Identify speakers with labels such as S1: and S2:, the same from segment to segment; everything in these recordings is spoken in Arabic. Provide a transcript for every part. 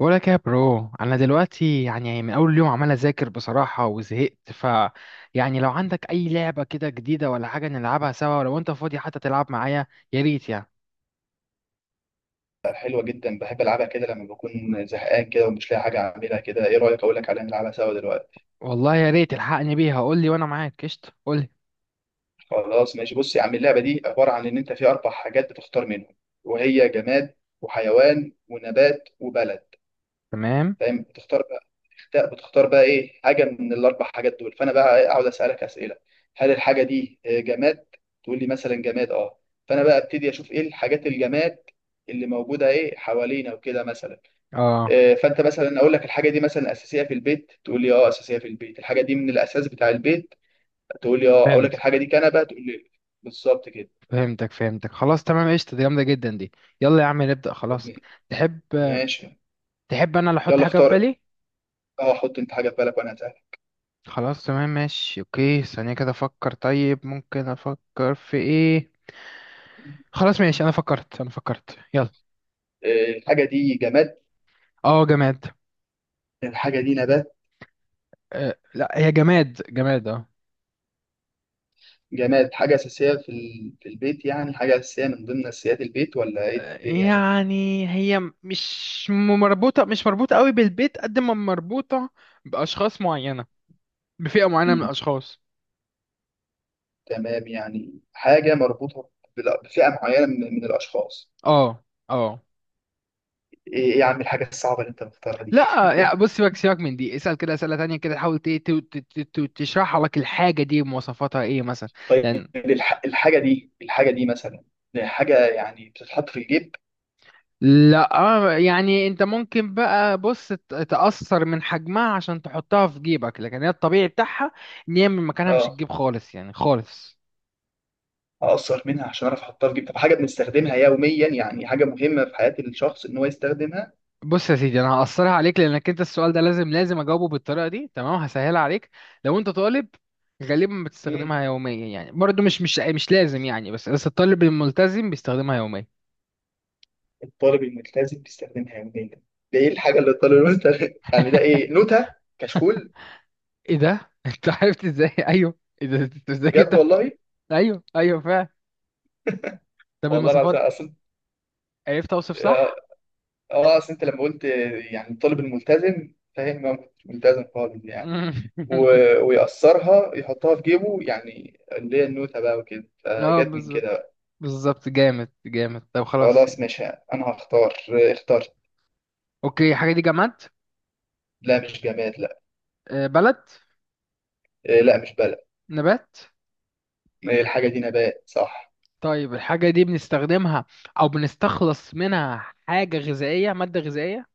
S1: بقولك يا برو، انا دلوقتي يعني من اول يوم عمال اذاكر بصراحه وزهقت. يعني لو عندك اي لعبه كده جديده ولا حاجه نلعبها سوا لو انت فاضي حتى تلعب معايا. يا ريت يعني.
S2: حلوة جدا، بحب ألعبها كده لما بكون زهقان كده ومش لاقي حاجة أعملها كده. إيه رأيك أقول لك عليها نلعبها سوا دلوقتي؟
S1: والله يا ريت الحقني بيها، قول لي وانا معاك. قشطه، قول لي.
S2: خلاص ماشي، بص يا عم، اللعبة دي عبارة عن إن أنت في أربع حاجات بتختار منهم، وهي جماد وحيوان ونبات وبلد.
S1: تمام.
S2: فاهم؟ بتختار بقى بتختار بقى إيه حاجة من الأربع حاجات دول. فأنا بقى إيه، أقعد أسألك أسئلة. هل الحاجة دي جماد؟ تقول لي مثلا جماد أه. فأنا بقى أبتدي أشوف إيه الحاجات الجماد اللي موجودة إيه حوالينا وكده مثلا.
S1: اه.
S2: فانت مثلا اقول لك الحاجه دي مثلا اساسيه في البيت، تقول لي اه اساسيه في البيت، الحاجه دي من الاساس بتاع البيت، تقول لي اه، اقول لك الحاجه
S1: فهمتك.
S2: دي كنبه، تقول لي بالظبط كده.
S1: فهمتك فهمتك خلاص تمام قشطه، دي جامده جدا دي. يلا يا عم نبدا خلاص. تحب.
S2: ماشي.
S1: تحب انا اللي احط
S2: يلا
S1: حاجه في
S2: اختار.
S1: بالي؟
S2: اه، حط انت حاجه في بالك وانا هسألك.
S1: خلاص تمام ماشي اوكي، ثانيه كده افكر. طيب ممكن افكر في ايه. خلاص ماشي، انا فكرت، يلا.
S2: الحاجه دي جماد؟
S1: اه، جماد.
S2: الحاجه دي نبات؟
S1: لا، هي جماد جماد اه.
S2: جماد حاجه اساسيه في في البيت؟ يعني حاجه اساسيه من ضمن اساسيات البيت ولا ايه الدنيا؟
S1: يعني هي مش مربوطة قوي بالبيت، قد ما مربوطة بأشخاص معينة. بفئة معينة من
S2: مم.
S1: الأشخاص.
S2: تمام، يعني حاجه مربوطه بفئه معينه من الاشخاص.
S1: اه. اه.
S2: ايه إيه يا عم الحاجه الصعبه اللي انت مختارها دي؟
S1: لا يعني بص، سيبك سيبك من دي. اسأل كده أسئلة تانية كده، حاول تشرح لك الحاجة دي مواصفاتها ايه مثلا.
S2: طيب
S1: لأن.
S2: الحاجة دي مثلا دي حاجة يعني بتتحط في الجيب.
S1: لا، يعني انت ممكن بقى بص تأثر من حجمها عشان تحطها في جيبك، لكن هي الطبيعي بتاعها ان هي من مكانها مش
S2: اه،
S1: تجيب خالص، يعني خالص.
S2: أقصر منها عشان أعرف أحطها في الجيب. طب حاجة بنستخدمها يوميا، يعني حاجة مهمة في حياة الشخص إن هو يستخدمها.
S1: بص يا سيدي، انا هقصرها عليك لانك انت السؤال ده لازم لازم اجاوبه بالطريقه دي. تمام، هسهلها عليك. لو انت طالب، غالبا
S2: مم.
S1: بتستخدمها يوميا، يعني برضه مش لازم يعني، بس الطالب الملتزم بيستخدمها يوميا.
S2: الطالب الملتزم بيستخدمها يوميا؟ ده إيه الحاجة اللي الطالب الملتزم يعني ده إيه، نوتة؟ كشكول؟
S1: ايه ده، انت عرفت ازاي؟ ايوه، ايه ده، انت ازاي
S2: بجد
S1: جبتها؟
S2: والله.
S1: ايوه ايوه فعلا. طب
S2: والله العظيم
S1: المواصفات.
S2: أصل.
S1: عرفت اوصف
S2: آه،
S1: صح؟
S2: أصل أنت لما قلت يعني الطالب الملتزم، فاهم، هو مش ملتزم خالص يعني ويقصرها يحطها في جيبه، يعني اللي هي النوتة بقى وكده،
S1: اه،
S2: فجت من
S1: بالظبط
S2: كده بقى.
S1: بالظبط، جامد جامد. طب خلاص.
S2: خلاص ماشي، أنا هختار. اخترت.
S1: اوكي، الحاجه دي جماد؟
S2: لا مش جماد، لا.
S1: بلد؟
S2: إيه، لا مش بلد.
S1: نبات؟
S2: إيه، الحاجة دي نبات صح.
S1: طيب الحاجة دي بنستخدمها أو بنستخلص منها حاجة غذائية، مادة غذائية؟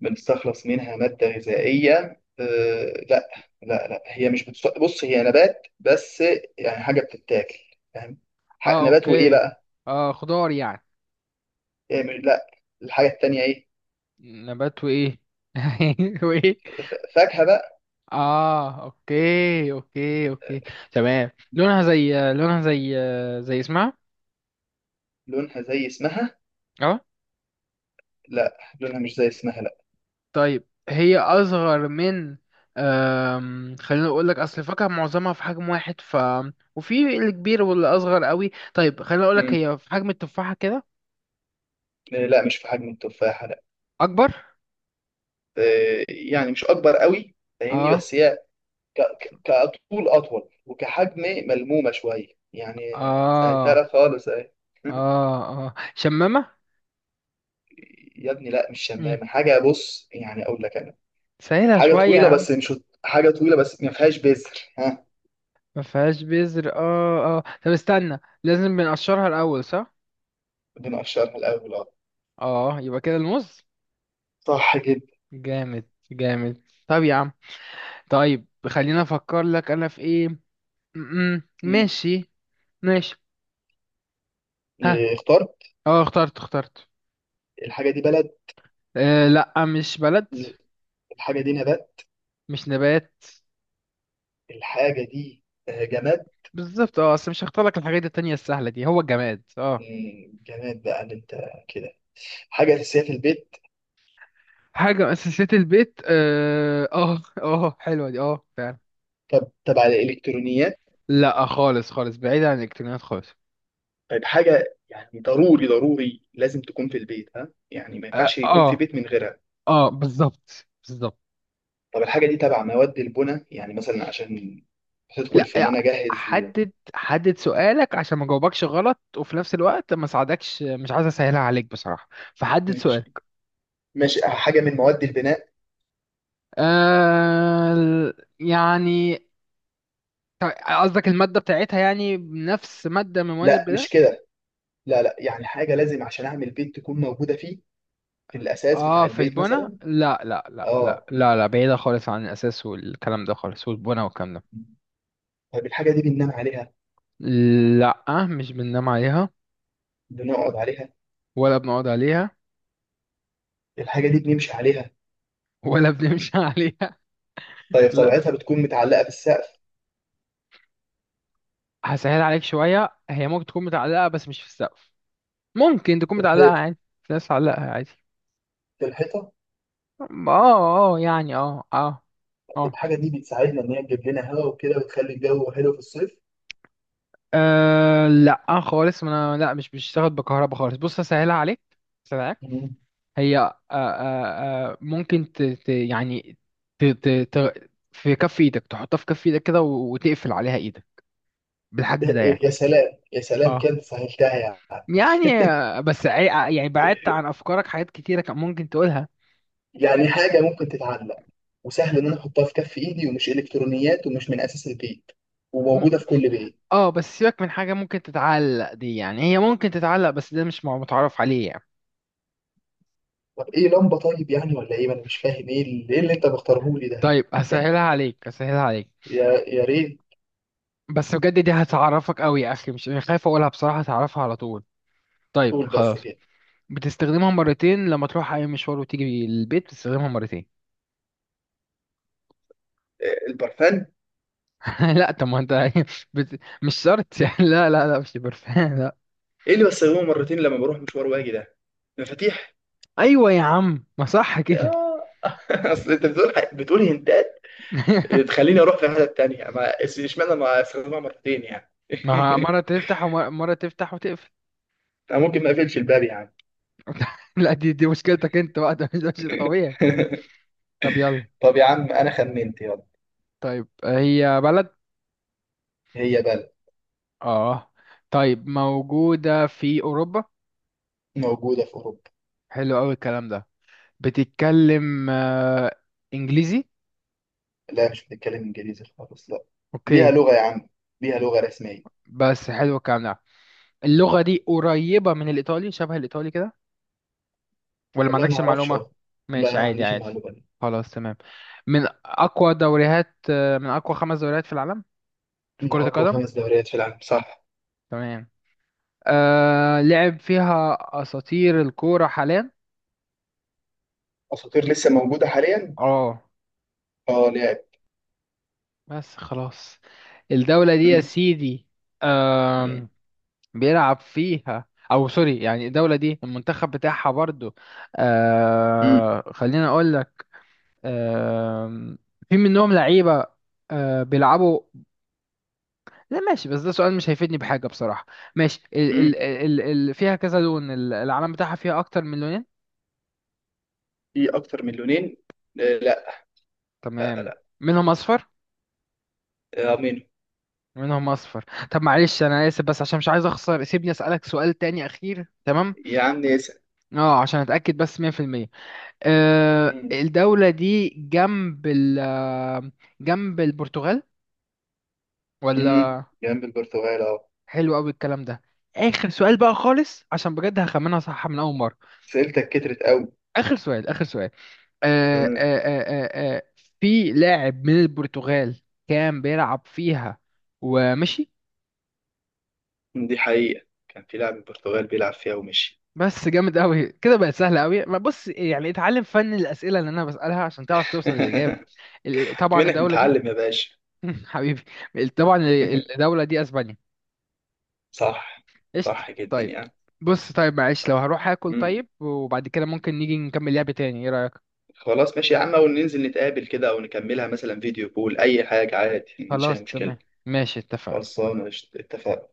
S2: بنستخلص منها مادة غذائية؟ إيه، لا. لا لا، هي مش بتص... بص هي نبات بس، يعني حاجة بتتاكل، فاهم؟
S1: اه
S2: نبات وإيه
S1: اوكي.
S2: بقى؟
S1: اه، خضار يعني؟
S2: إيه مش... لا. الحاجة التانية إيه؟
S1: نبات وإيه؟ وإيه؟
S2: فاكهة بقى.
S1: اه اوكي اوكي اوكي. تمام، لونها زي اسمها.
S2: لونها زي اسمها؟
S1: اه.
S2: لا، لونها مش زي اسمها لا.
S1: طيب هي أصغر من... خلينا أقول لك، أصل الفاكهة معظمها في حجم واحد، وفي الكبير واللي أصغر قوي. طيب خلينا أقول لك،
S2: مم.
S1: هي في حجم التفاحة كده.
S2: إيه، لا مش في حجم التفاحة.
S1: أكبر.
S2: آه، يعني مش اكبر قوي، فاهمني؟
S1: اه
S2: بس هي كطول اطول وكحجم ملمومه شويه، يعني آه، سهلتها
S1: اه
S2: لك خالص اهي.
S1: اه اه، شمامة؟
S2: يا ابني لا مش
S1: مم.
S2: شمامه، حاجه بص، يعني اقول لك انا
S1: سهلها
S2: حاجه
S1: شوية يا
S2: طويله
S1: عم.
S2: بس مش حاجه طويله بس ما فيهاش بذر. ها؟
S1: ما فيهاش بذر؟ اه اه، طب استنى، لازم بنقشرها الأول صح؟
S2: بنقشرها الاول اه.
S1: اه، يبقى كده الموز.
S2: صح جدا.
S1: جامد جامد. طب يا عم، طيب خلينا افكر لك انا في ايه. م-م.
S2: مم.
S1: ماشي. ماشي. ها.
S2: إيه، اخترت.
S1: اه، اخترت اخترت.
S2: الحاجه دي بلد؟
S1: لا، مش بلد.
S2: الحاجه دي نبات؟
S1: مش نبات.
S2: الحاجه دي جماد؟
S1: بالظبط، اه، اصل مش هختار لك الحاجات التانية السهلة دي، هو الجماد اه.
S2: مم، جماد بقى اللي انت كده. حاجه اساسيه في البيت؟
S1: حاجة من أساسيات البيت، اه اه، حلوة دي، اه فعلا.
S2: طب تبع الالكترونيات؟
S1: لا، خالص خالص، بعيد عن الإلكترونيات خالص.
S2: طيب حاجة يعني ضروري ضروري لازم تكون في البيت، ها، يعني ما
S1: اه
S2: ينفعش يكون في
S1: اه،
S2: بيت من غيرها.
S1: بالظبط بالظبط.
S2: طب الحاجة دي تبع مواد البناء، يعني مثلا عشان تدخل
S1: لا
S2: في ان انا اجهز؟
S1: حدد حدد سؤالك عشان ما جاوبكش غلط، وفي نفس الوقت ما ساعدكش، مش عايز اسهلها عليك بصراحة. فحدد
S2: ماشي.
S1: سؤالك.
S2: ماشي، حاجة من مواد البناء؟
S1: يعني، قصدك المادة بتاعتها يعني نفس مادة من مواد
S2: لا
S1: البناء؟
S2: مش كده، لا لا، يعني حاجة لازم عشان اعمل بيت تكون موجودة فيه، في الاساس بتاع
S1: اه، في
S2: البيت
S1: البنا.
S2: مثلا.
S1: لا لا لا لا
S2: اه.
S1: لا لا، بعيدة خالص عن الأساس والكلام ده خالص، والبنا والكلام ده.
S2: طيب الحاجة دي بننام عليها؟
S1: لا، مش بننام عليها.
S2: بنقعد عليها؟
S1: ولا بنقعد عليها.
S2: الحاجة دي بنمشي عليها؟
S1: ولا بنمشي عليها.
S2: طيب
S1: لا.
S2: طبيعتها بتكون متعلقة في السقف؟
S1: هسهل عليك شوية، هي ممكن تكون متعلقة بس مش في السقف. ممكن تكون
S2: في
S1: متعلقة
S2: الحيط؟
S1: عادي. في ناس تعلقها عادي.
S2: في الحيطة؟
S1: اه. اه يعني، اه اه. اه.
S2: الحاجه دي بتساعدنا ان هي تجيب لنا هواء وكده وتخلي الجو حلو في الصيف؟
S1: لا خالص، ما انا لا، مش بتشتغل بكهرباء خالص. بص هسهلها عليك. هسهلها عليك.
S2: مم.
S1: هي ممكن ت ت يعني ت ت ت في كف ايدك، تحطها في كف ايدك كده وتقفل عليها ايدك، بالحجم
S2: ده-
S1: ده يعني.
S2: يا سلام يا سلام،
S1: اه.
S2: كانت سهلتها يعني.
S1: يعني، بس يعني بعدت عن افكارك حاجات كتيره كان ممكن تقولها.
S2: يعني حاجه ممكن تتعلق وسهل ان انا احطها في كف ايدي ومش الكترونيات ومش من اساس البيت
S1: م...
S2: وموجوده في كل بيت.
S1: اه، بس سيبك من حاجه ممكن تتعلق دي، يعني هي ممكن تتعلق بس ده مش متعرف عليه يعني.
S2: طب ايه، لمبه طيب، يعني ولا ايه؟ ما انا مش فاهم ايه اللي، إيه اللي انت مختاره لي ده؟
S1: طيب هسهلها عليك، هسهلها عليك.
S2: يا يا ريت.
S1: بس بجد دي هتعرفك قوي يا اخي، مش خايف اقولها بصراحه، هتعرفها على طول. طيب
S2: قول بس
S1: خلاص.
S2: كده.
S1: بتستخدمها مرتين، لما تروح اي مشوار وتيجي البيت بتستخدمها مرتين.
S2: آه، البرفان؟
S1: لا طب ما انت. مش شرط يعني، لا لا لا، مش برفان لا.
S2: ايه اللي بستخدمه مرتين لما بروح مشوار واجي ده؟ مفاتيح؟
S1: ايوه يا عم، ما صح كده.
S2: يا اصل انت بتقول بتقول هنتات تخليني اروح في حته تانية، ما اشمعنى ما استخدمها مرتين يعني.
S1: ما هو مرة تفتح، ومرة تفتح وتقفل.
S2: انا ممكن ما اقفلش الباب يعني.
S1: لا، دي مشكلتك انت بقى، ده مش الطبيعي. طب يلا.
S2: طب يا عم انا خمنت، يلا.
S1: طيب هي بلد.
S2: هي بلد؟
S1: اه. طيب موجودة في أوروبا.
S2: موجوده في اوروبا؟
S1: حلو أوي الكلام ده. بتتكلم إنجليزي؟
S2: لا مش بتتكلم انجليزي خالص، لا. ليها
S1: أوكي.
S2: لغه يا عم، ليها لغه رسميه.
S1: بس حلو الكلام ده. اللغة دي قريبة من الإيطالي، شبه الإيطالي كده؟ ولا ما
S2: والله ما
S1: عندكش
S2: اعرفش
S1: المعلومة؟
S2: أهو. لا
S1: ماشي
S2: ما
S1: عادي
S2: عنديش
S1: عادي.
S2: المعلومه دي.
S1: خلاص تمام. من أقوى خمس دوريات في العالم في
S2: من
S1: كرة
S2: اقوى
S1: القدم.
S2: 5 دوريات في العالم صح.
S1: تمام. لعب فيها أساطير الكورة حاليا.
S2: اساطير لسه موجوده حاليا؟
S1: اه
S2: اه لعب.
S1: بس خلاص. الدولة دي يا
S2: مم.
S1: سيدي،
S2: مم.
S1: آم، بيلعب فيها أو سوري، يعني الدولة دي المنتخب بتاعها برضو.
S2: مم.
S1: خليني أقول لك. آم، في منهم لعيبة بيلعبوا. لا ماشي، بس ده سؤال مش هيفيدني بحاجة بصراحة. ماشي، ال ال
S2: مم.
S1: ال ال فيها كذا لون، العلم بتاعها فيها أكتر من لونين؟
S2: في اكتر من لونين؟ آه، لا لا
S1: تمام.
S2: لا.
S1: منهم أصفر.
S2: آه، مين؟
S1: منهم اصفر. طب معلش، انا اسف بس عشان مش عايز اخسر، سيبني اسالك سؤال تاني اخير. تمام،
S2: يا عم اسال.
S1: اه، عشان اتاكد بس 100%.
S2: مم.
S1: الدوله دي جنب ال آه، جنب البرتغال
S2: مم.
S1: ولا؟
S2: جنب البرتغال اهو.
S1: حلو قوي الكلام ده. اخر سؤال بقى خالص عشان بجد هخمنها صح من اول مره.
S2: سئلتك كترت قوي.
S1: اخر سؤال، اخر سؤال. أه أه
S2: مم.
S1: أه أه آه، في لاعب من البرتغال كان بيلعب فيها ومشي؟
S2: دي حقيقة، كان في لاعب من البرتغال بيلعب فيها ومشي.
S1: بس جامد قوي كده، بقت سهله قوي. ما بص يعني، اتعلم فن الاسئله اللي انا بسالها عشان تعرف توصل للاجابه. طبعا
S2: منك
S1: الدوله دي.
S2: متعلم يا باشا.
S1: حبيبي. طبعا، الدوله دي اسبانيا.
S2: صح.
S1: قشطه
S2: صح جدا
S1: طيب.
S2: يعني.
S1: بص، طيب معلش لو هروح اكل،
S2: مم.
S1: طيب وبعد كده ممكن نيجي نكمل لعب تاني، ايه رايك؟
S2: خلاص ماشي يا عم، او ننزل نتقابل كده او نكملها مثلا فيديو كول، اي حاجة عادي، مش
S1: خلاص
S2: أي
S1: تمام
S2: مشكلة.
S1: ماشي اتفقنا.
S2: خلصانة قشطة. اتفقنا.